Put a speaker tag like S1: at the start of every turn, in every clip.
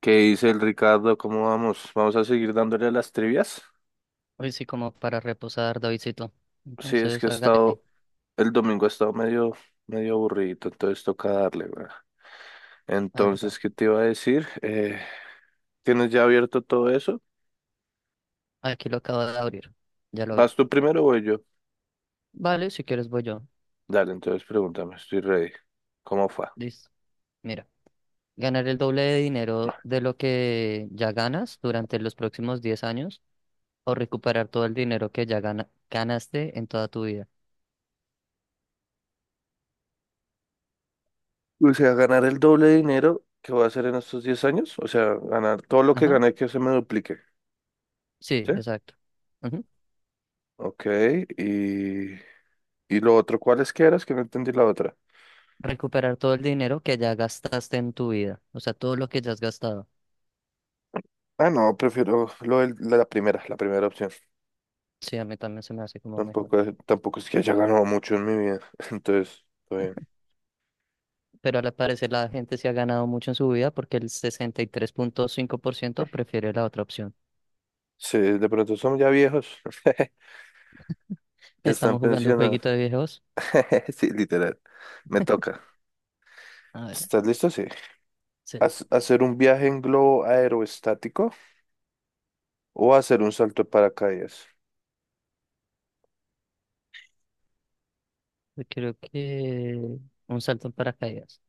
S1: ¿Qué dice el Ricardo? ¿Cómo vamos? ¿Vamos a seguir dándole a las trivias?
S2: Hoy sí como para reposar, Davidcito.
S1: Sí, es que
S2: Entonces,
S1: he
S2: hágale.
S1: estado, el domingo he estado medio, medio aburrido, entonces toca darle, ¿verdad?
S2: Hágale, pa.
S1: Entonces, ¿qué te iba a decir? ¿Tienes ya abierto todo eso?
S2: Aquí lo acabo de abrir. Ya lo abrí.
S1: ¿Vas tú primero o voy yo?
S2: Vale, si quieres voy yo.
S1: Dale, entonces pregúntame, estoy ready. ¿Cómo fue?
S2: Listo. Mira, ganar el doble de dinero de lo que ya ganas durante los próximos 10 años, o recuperar todo el dinero que ya ganaste en toda tu vida.
S1: O sea, ganar el doble de dinero que voy a hacer en estos 10 años, o sea, ganar todo lo que
S2: Ajá.
S1: gané que se me duplique,
S2: Sí,
S1: ¿sí?
S2: exacto. Ujú.
S1: Ok, y... ¿Y lo otro? ¿Cuáles que eras? Que no entendí la otra.
S2: Recuperar todo el dinero que ya gastaste en tu vida. O sea, todo lo que ya has gastado.
S1: Ah, no, prefiero lo del- la la primera opción.
S2: Sí, a mí también se me hace como mejor,
S1: Tampoco es que haya ganado mucho en mi vida. Entonces, está bien.
S2: pero al parecer la gente se ha ganado mucho en su vida porque el 63,5% prefiere la otra opción.
S1: Sí, de pronto son ya viejos. Ya están
S2: Estamos jugando un
S1: pensionados.
S2: jueguito de viejos.
S1: Sí, literal. Me toca.
S2: A ver,
S1: ¿Estás listo? Sí.
S2: se-
S1: ¿Hacer un viaje en globo aeroestático o hacer un salto de paracaídas?
S2: yo creo que un salto en paracaídas.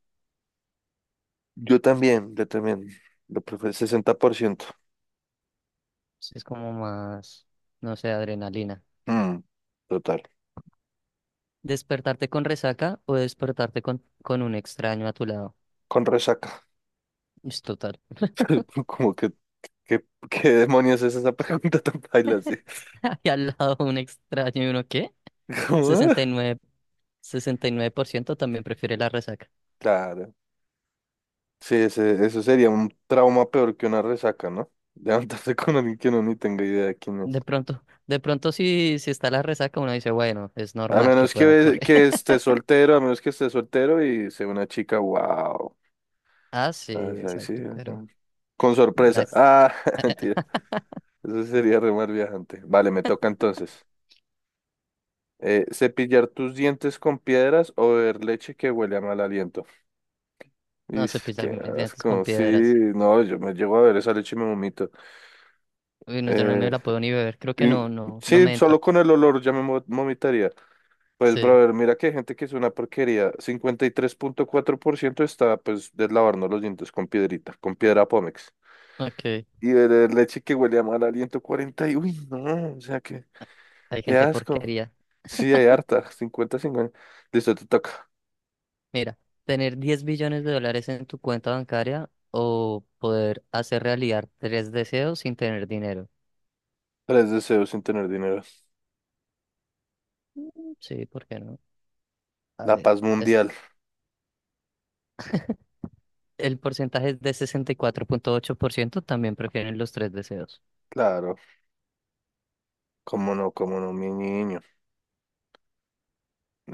S1: Yo también, yo también. Lo prefiero 60%.
S2: Sí, es como más, no sé, adrenalina.
S1: Mm, total.
S2: ¿Despertarte con resaca o despertarte con un extraño a tu lado?
S1: Con resaca.
S2: Es total.
S1: Como que ¿Qué, qué demonios es esa pregunta tan paila? Sí.
S2: Y al lado un extraño y uno, ¿qué?
S1: ¿Cómo?
S2: Sesenta sesenta y y nueve, 69% también prefiere la resaca.
S1: Claro. Sí, eso sería un trauma peor que una resaca, ¿no? Levantarse con alguien que no ni tenga idea de quién es.
S2: De pronto, si está la resaca, uno dice, bueno, es
S1: A
S2: normal que
S1: menos
S2: pueda
S1: que,
S2: ocurrir.
S1: que esté soltero, a menos que esté soltero y sea una chica, wow.
S2: Ah, sí,
S1: Ah, sí, ahí sí,
S2: exacto, pero
S1: ajá. Con sorpresa.
S2: las-
S1: Ah, mentira. Eso sería re mal viajante. Vale, me toca entonces. ¿Cepillar tus dientes con piedras o beber leche que huele a mal aliento?
S2: no
S1: Ish,
S2: cepillar
S1: qué
S2: mis dientes con
S1: asco. Sí,
S2: piedras.
S1: no, yo me llego a ver esa leche y me vomito.
S2: Uy, no, yo no me
S1: Eh,
S2: la puedo ni beber, creo que
S1: y-
S2: no, no, no
S1: sí,
S2: me entra.
S1: solo con el olor ya vomitaría. Pues,
S2: Sí,
S1: brother, mira que hay gente que es una porquería. 53,4% está, pues, deslavarnos los dientes con piedrita, con piedra Pómex.
S2: ok.
S1: Y beber leche que huele a mal aliento 40 y, uy, no, o sea, que,
S2: Hay
S1: qué
S2: gente
S1: asco.
S2: porquería.
S1: Sí, hay harta, 50 50. Listo, te toca.
S2: Mira, tener 10 billones de dólares en tu cuenta bancaria o poder hacer realidad tres deseos sin tener dinero.
S1: Tres deseos sin tener dinero.
S2: Mm, sí, ¿por qué no? A
S1: La
S2: ver,
S1: paz mundial,
S2: el porcentaje es de 64,8% también prefieren los tres deseos.
S1: claro. Cómo no, mi niño.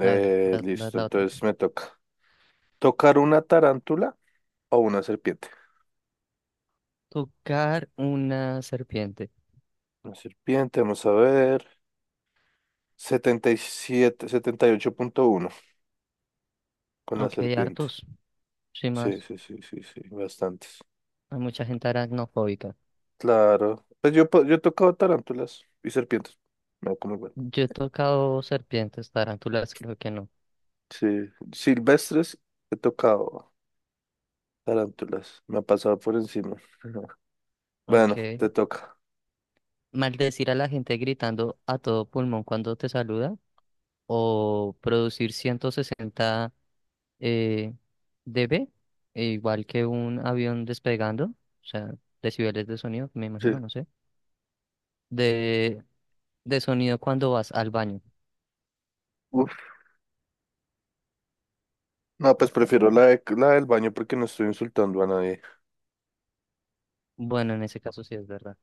S2: A ver, va, va
S1: Listo,
S2: la otra.
S1: entonces me toca. ¿Tocar una tarántula o una serpiente?
S2: Tocar una serpiente.
S1: Una serpiente, vamos a ver. 78,1 con la
S2: Aunque hay
S1: serpiente.
S2: hartos, sin
S1: Sí,
S2: más.
S1: sí, sí, sí, sí, bastantes.
S2: Hay mucha gente aracnofóbica.
S1: Claro. Pues yo he tocado tarántulas y serpientes. Me da como igual.
S2: Yo he tocado serpientes, tarántulas, creo que no.
S1: Sí, silvestres he tocado tarántulas. Me ha pasado por encima. Bueno,
S2: Ok.
S1: te toca.
S2: Maldecir a la gente gritando a todo pulmón cuando te saluda. O producir 160, eh, dB, e igual que un avión despegando. O sea, decibeles de sonido, me
S1: Sí.
S2: imagino, no sé. De, de sonido cuando vas al baño.
S1: Uf. No, pues prefiero la del baño porque no estoy insultando a nadie.
S2: Bueno, en ese caso sí es verdad.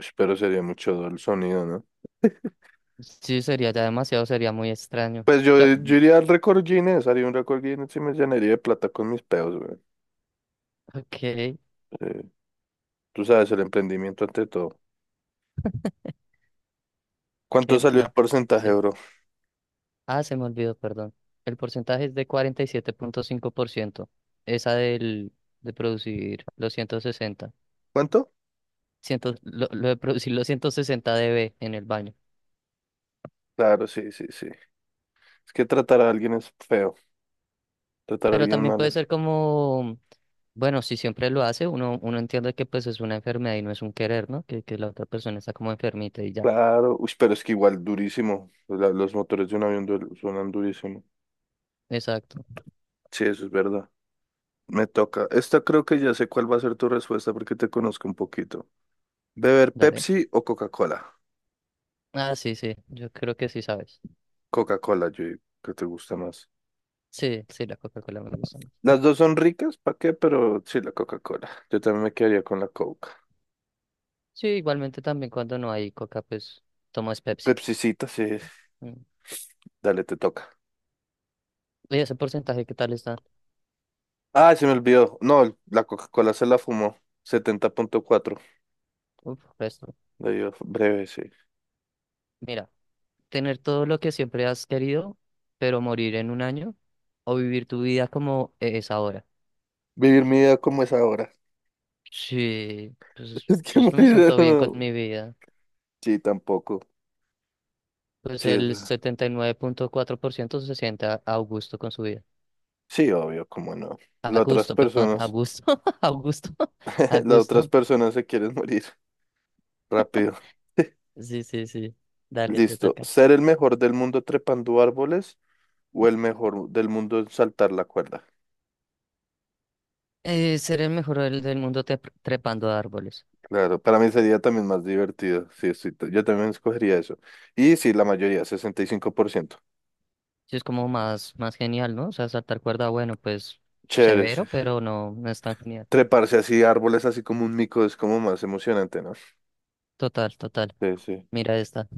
S1: Ush, pero sería el sonido, ¿no?
S2: Sí, sería ya demasiado, sería muy extraño.
S1: Pues yo,
S2: Claro,
S1: yo iría al récord Guinness, haría un récord Guinness y me llenaría de plata con mis peos, güey.
S2: ok, que,
S1: Eh, tú sabes, el emprendimiento ante todo. ¿Cuánto
S2: que
S1: salió el
S2: no
S1: porcentaje,
S2: sí.
S1: bro?
S2: Ah, se me olvidó, perdón. El porcentaje es de 47,5%. Esa del de producir los
S1: ¿Cuánto?
S2: Lo de producir los 160 dB en el baño.
S1: Claro, sí, sí, sí. Es que tratar a alguien es feo, tratar a
S2: Pero
S1: alguien
S2: también
S1: mal
S2: puede
S1: es...
S2: ser como, bueno, si siempre lo hace, uno entiende que pues es una enfermedad y no es un querer, ¿no? Que la otra persona está como enfermita y ya.
S1: Claro, uy, pero es que igual durísimo. Los motores de un avión suenan durísimo.
S2: Exacto.
S1: Sí, eso es verdad. Me toca. Esta creo que ya sé cuál va a ser tu respuesta porque te conozco un poquito. ¿Beber
S2: Dale.
S1: Pepsi o Coca-Cola?
S2: Ah, sí, sí. Yo creo que sí sabes.
S1: Coca-Cola, yo digo que te gusta más.
S2: Sí, sí, la Coca-Cola me gusta más.
S1: Las dos son ricas, ¿para qué? Pero sí, la Coca-Cola. Yo también me quedaría con la Coca.
S2: Sí, igualmente también cuando no hay Coca, pues tomo es Pepsi.
S1: Pepsicita, sí.
S2: Mm.
S1: Dale, te toca.
S2: ¿Y ese porcentaje qué tal está?
S1: Ah, se me olvidó. No, la Coca-Cola se la fumó. 70,4.
S2: Uf, resto.
S1: Le dio breve, sí.
S2: Mira, tener todo lo que siempre has querido, pero morir en un año, o vivir tu vida como es ahora.
S1: Vivir mi vida como es ahora.
S2: Sí, pues
S1: Es que
S2: yo me
S1: morir.
S2: siento bien con
S1: No.
S2: mi vida.
S1: Sí, tampoco.
S2: Pues
S1: Sí, es
S2: el
S1: verdad.
S2: 79,4% se siente a gusto con su vida.
S1: Sí, obvio, cómo no.
S2: A
S1: Las otras
S2: gusto, perdón, a
S1: personas,
S2: gusto, a gusto, a
S1: las otras
S2: gusto.
S1: personas se quieren morir rápido.
S2: Sí, sí, sí. Dale, te
S1: Listo.
S2: toca.
S1: Ser el mejor del mundo trepando árboles o el mejor del mundo en saltar la cuerda.
S2: Ser el mejor del mundo trepando a árboles.
S1: Claro, para mí sería también más divertido. Sí, yo también escogería eso. Y sí, la mayoría, 65%.
S2: Sí, es como más, más genial, ¿no? O sea, saltar cuerda, bueno, pues
S1: Chévere. Sí.
S2: severo, pero no, no es tan genial.
S1: Treparse así, árboles así como un mico es como más emocionante, ¿no?
S2: Total, total.
S1: Sí, sí.
S2: Mira esta.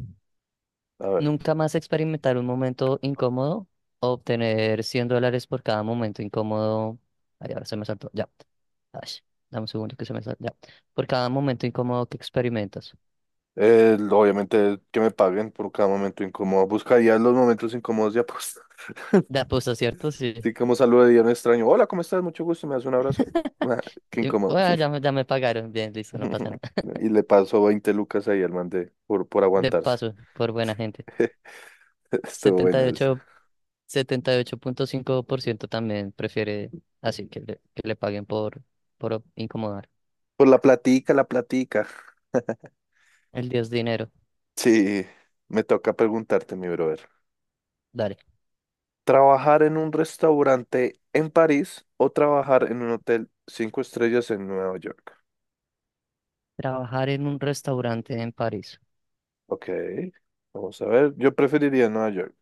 S1: A ver.
S2: Nunca más experimentar un momento incómodo o obtener $100 por cada momento incómodo. Ay, ahora se me saltó. Ya. Ay, dame un segundo que se me saltó. Ya. Por cada momento incómodo que experimentas.
S1: Obviamente que me paguen por cada momento incómodo. Buscaría los momentos incómodos de aposta.
S2: De apuesta, ¿cierto? Sí.
S1: Así como saludaría a un extraño. Hola, ¿cómo estás? Mucho gusto. ¿Me das un abrazo? Ah, qué
S2: Y,
S1: incómodo.
S2: bueno, ya me pagaron. Bien, listo, no pasa nada.
S1: Y le paso 20 lucas ahí al man por
S2: De
S1: aguantarse.
S2: paso, por buena gente.
S1: Estuvo
S2: setenta
S1: buena
S2: y
S1: esa.
S2: ocho 78,5% también prefiere, así que le paguen por incomodar.
S1: Pues la platica, la platica.
S2: El diez dinero.
S1: Sí, me toca preguntarte, mi brother.
S2: Dale.
S1: ¿Trabajar en un restaurante en París o trabajar en un hotel 5 estrellas en Nueva York?
S2: Trabajar en un restaurante en París.
S1: Ok, vamos a ver. Yo preferiría Nueva York.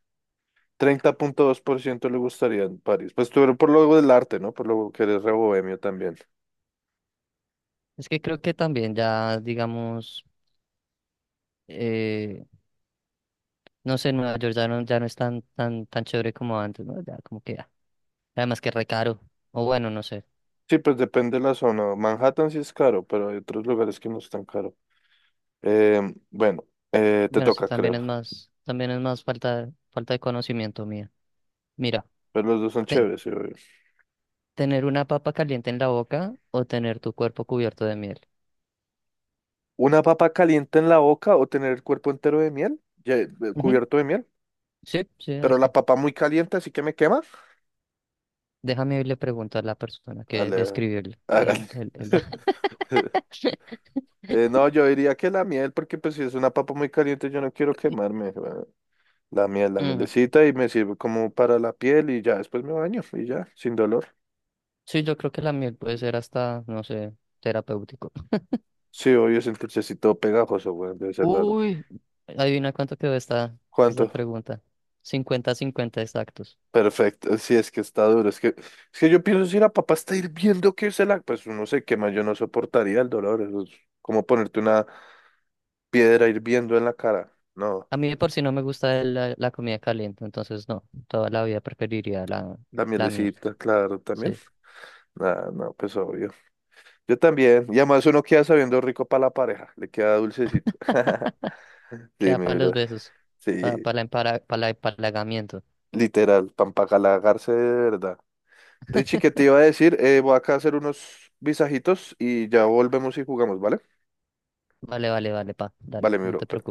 S1: 30,2% le gustaría en París. Pues tú eres por lo del arte, ¿no? Por lo que eres re bohemio también.
S2: Es que creo que también ya, digamos, eh, no sé, Nueva York ya no es tan, tan, tan chévere como antes, ¿no? Ya como que ya. Además que re caro. O bueno, no sé.
S1: Sí, pues depende de la zona. Manhattan sí es caro, pero hay otros lugares que no es tan caro. Eh, bueno, te
S2: Bueno, eso
S1: toca, creo.
S2: también es más falta de conocimiento mía. Mira,
S1: Pero los dos son
S2: ten-
S1: chéveres, sí, obvio.
S2: tener una papa caliente en la boca o tener tu cuerpo cubierto de miel.
S1: Una papa caliente en la boca o tener el cuerpo entero de miel, ya, cubierto de miel,
S2: Sí, sí,
S1: pero la
S2: así.
S1: papa muy caliente, así que me quema.
S2: Déjame irle preguntar a la persona que
S1: Ale-
S2: escribió el, el,
S1: hágale.
S2: el, el... ba-
S1: No, yo diría que la miel, porque pues si es una papa muy caliente, yo no quiero quemarme. Bueno, la miel, la
S2: Ujú.
S1: mielecita y me sirve como para la piel y ya después me baño y ya, sin dolor.
S2: Sí, yo creo que la miel puede ser hasta, no sé, terapéutico.
S1: Sí, obvio, es un dulcecito pegajoso, bueno, debe ser raro.
S2: Uy, adivina cuánto quedó esta
S1: ¿Cuánto?
S2: pregunta. 50-50 exactos.
S1: Perfecto, sí, es que está duro. Es que yo pienso si la papá está hirviendo que pues uno se quema, yo no soportaría el dolor. Eso es como ponerte una piedra hirviendo en la cara. No,
S2: A mí de por si no me gusta la comida caliente, entonces no, toda la vida preferiría la,
S1: la
S2: la miel.
S1: mielecita, claro, también.
S2: Sí,
S1: Ah, no, pues obvio. Yo también. Y además uno queda sabiendo rico para la pareja, le queda dulcecito. Sí,
S2: queda para
S1: mi
S2: los
S1: bro.
S2: besos, para,
S1: Sí,
S2: para, el empara- para el empalagamiento.
S1: literal, pan de verdad. Richie, ¿qué te iba a decir? Voy acá a hacer unos visajitos y ya volvemos y jugamos, ¿vale?
S2: Vale, vale, vale, pa, dale,
S1: Vale, mi
S2: no
S1: bro.
S2: te preocupes.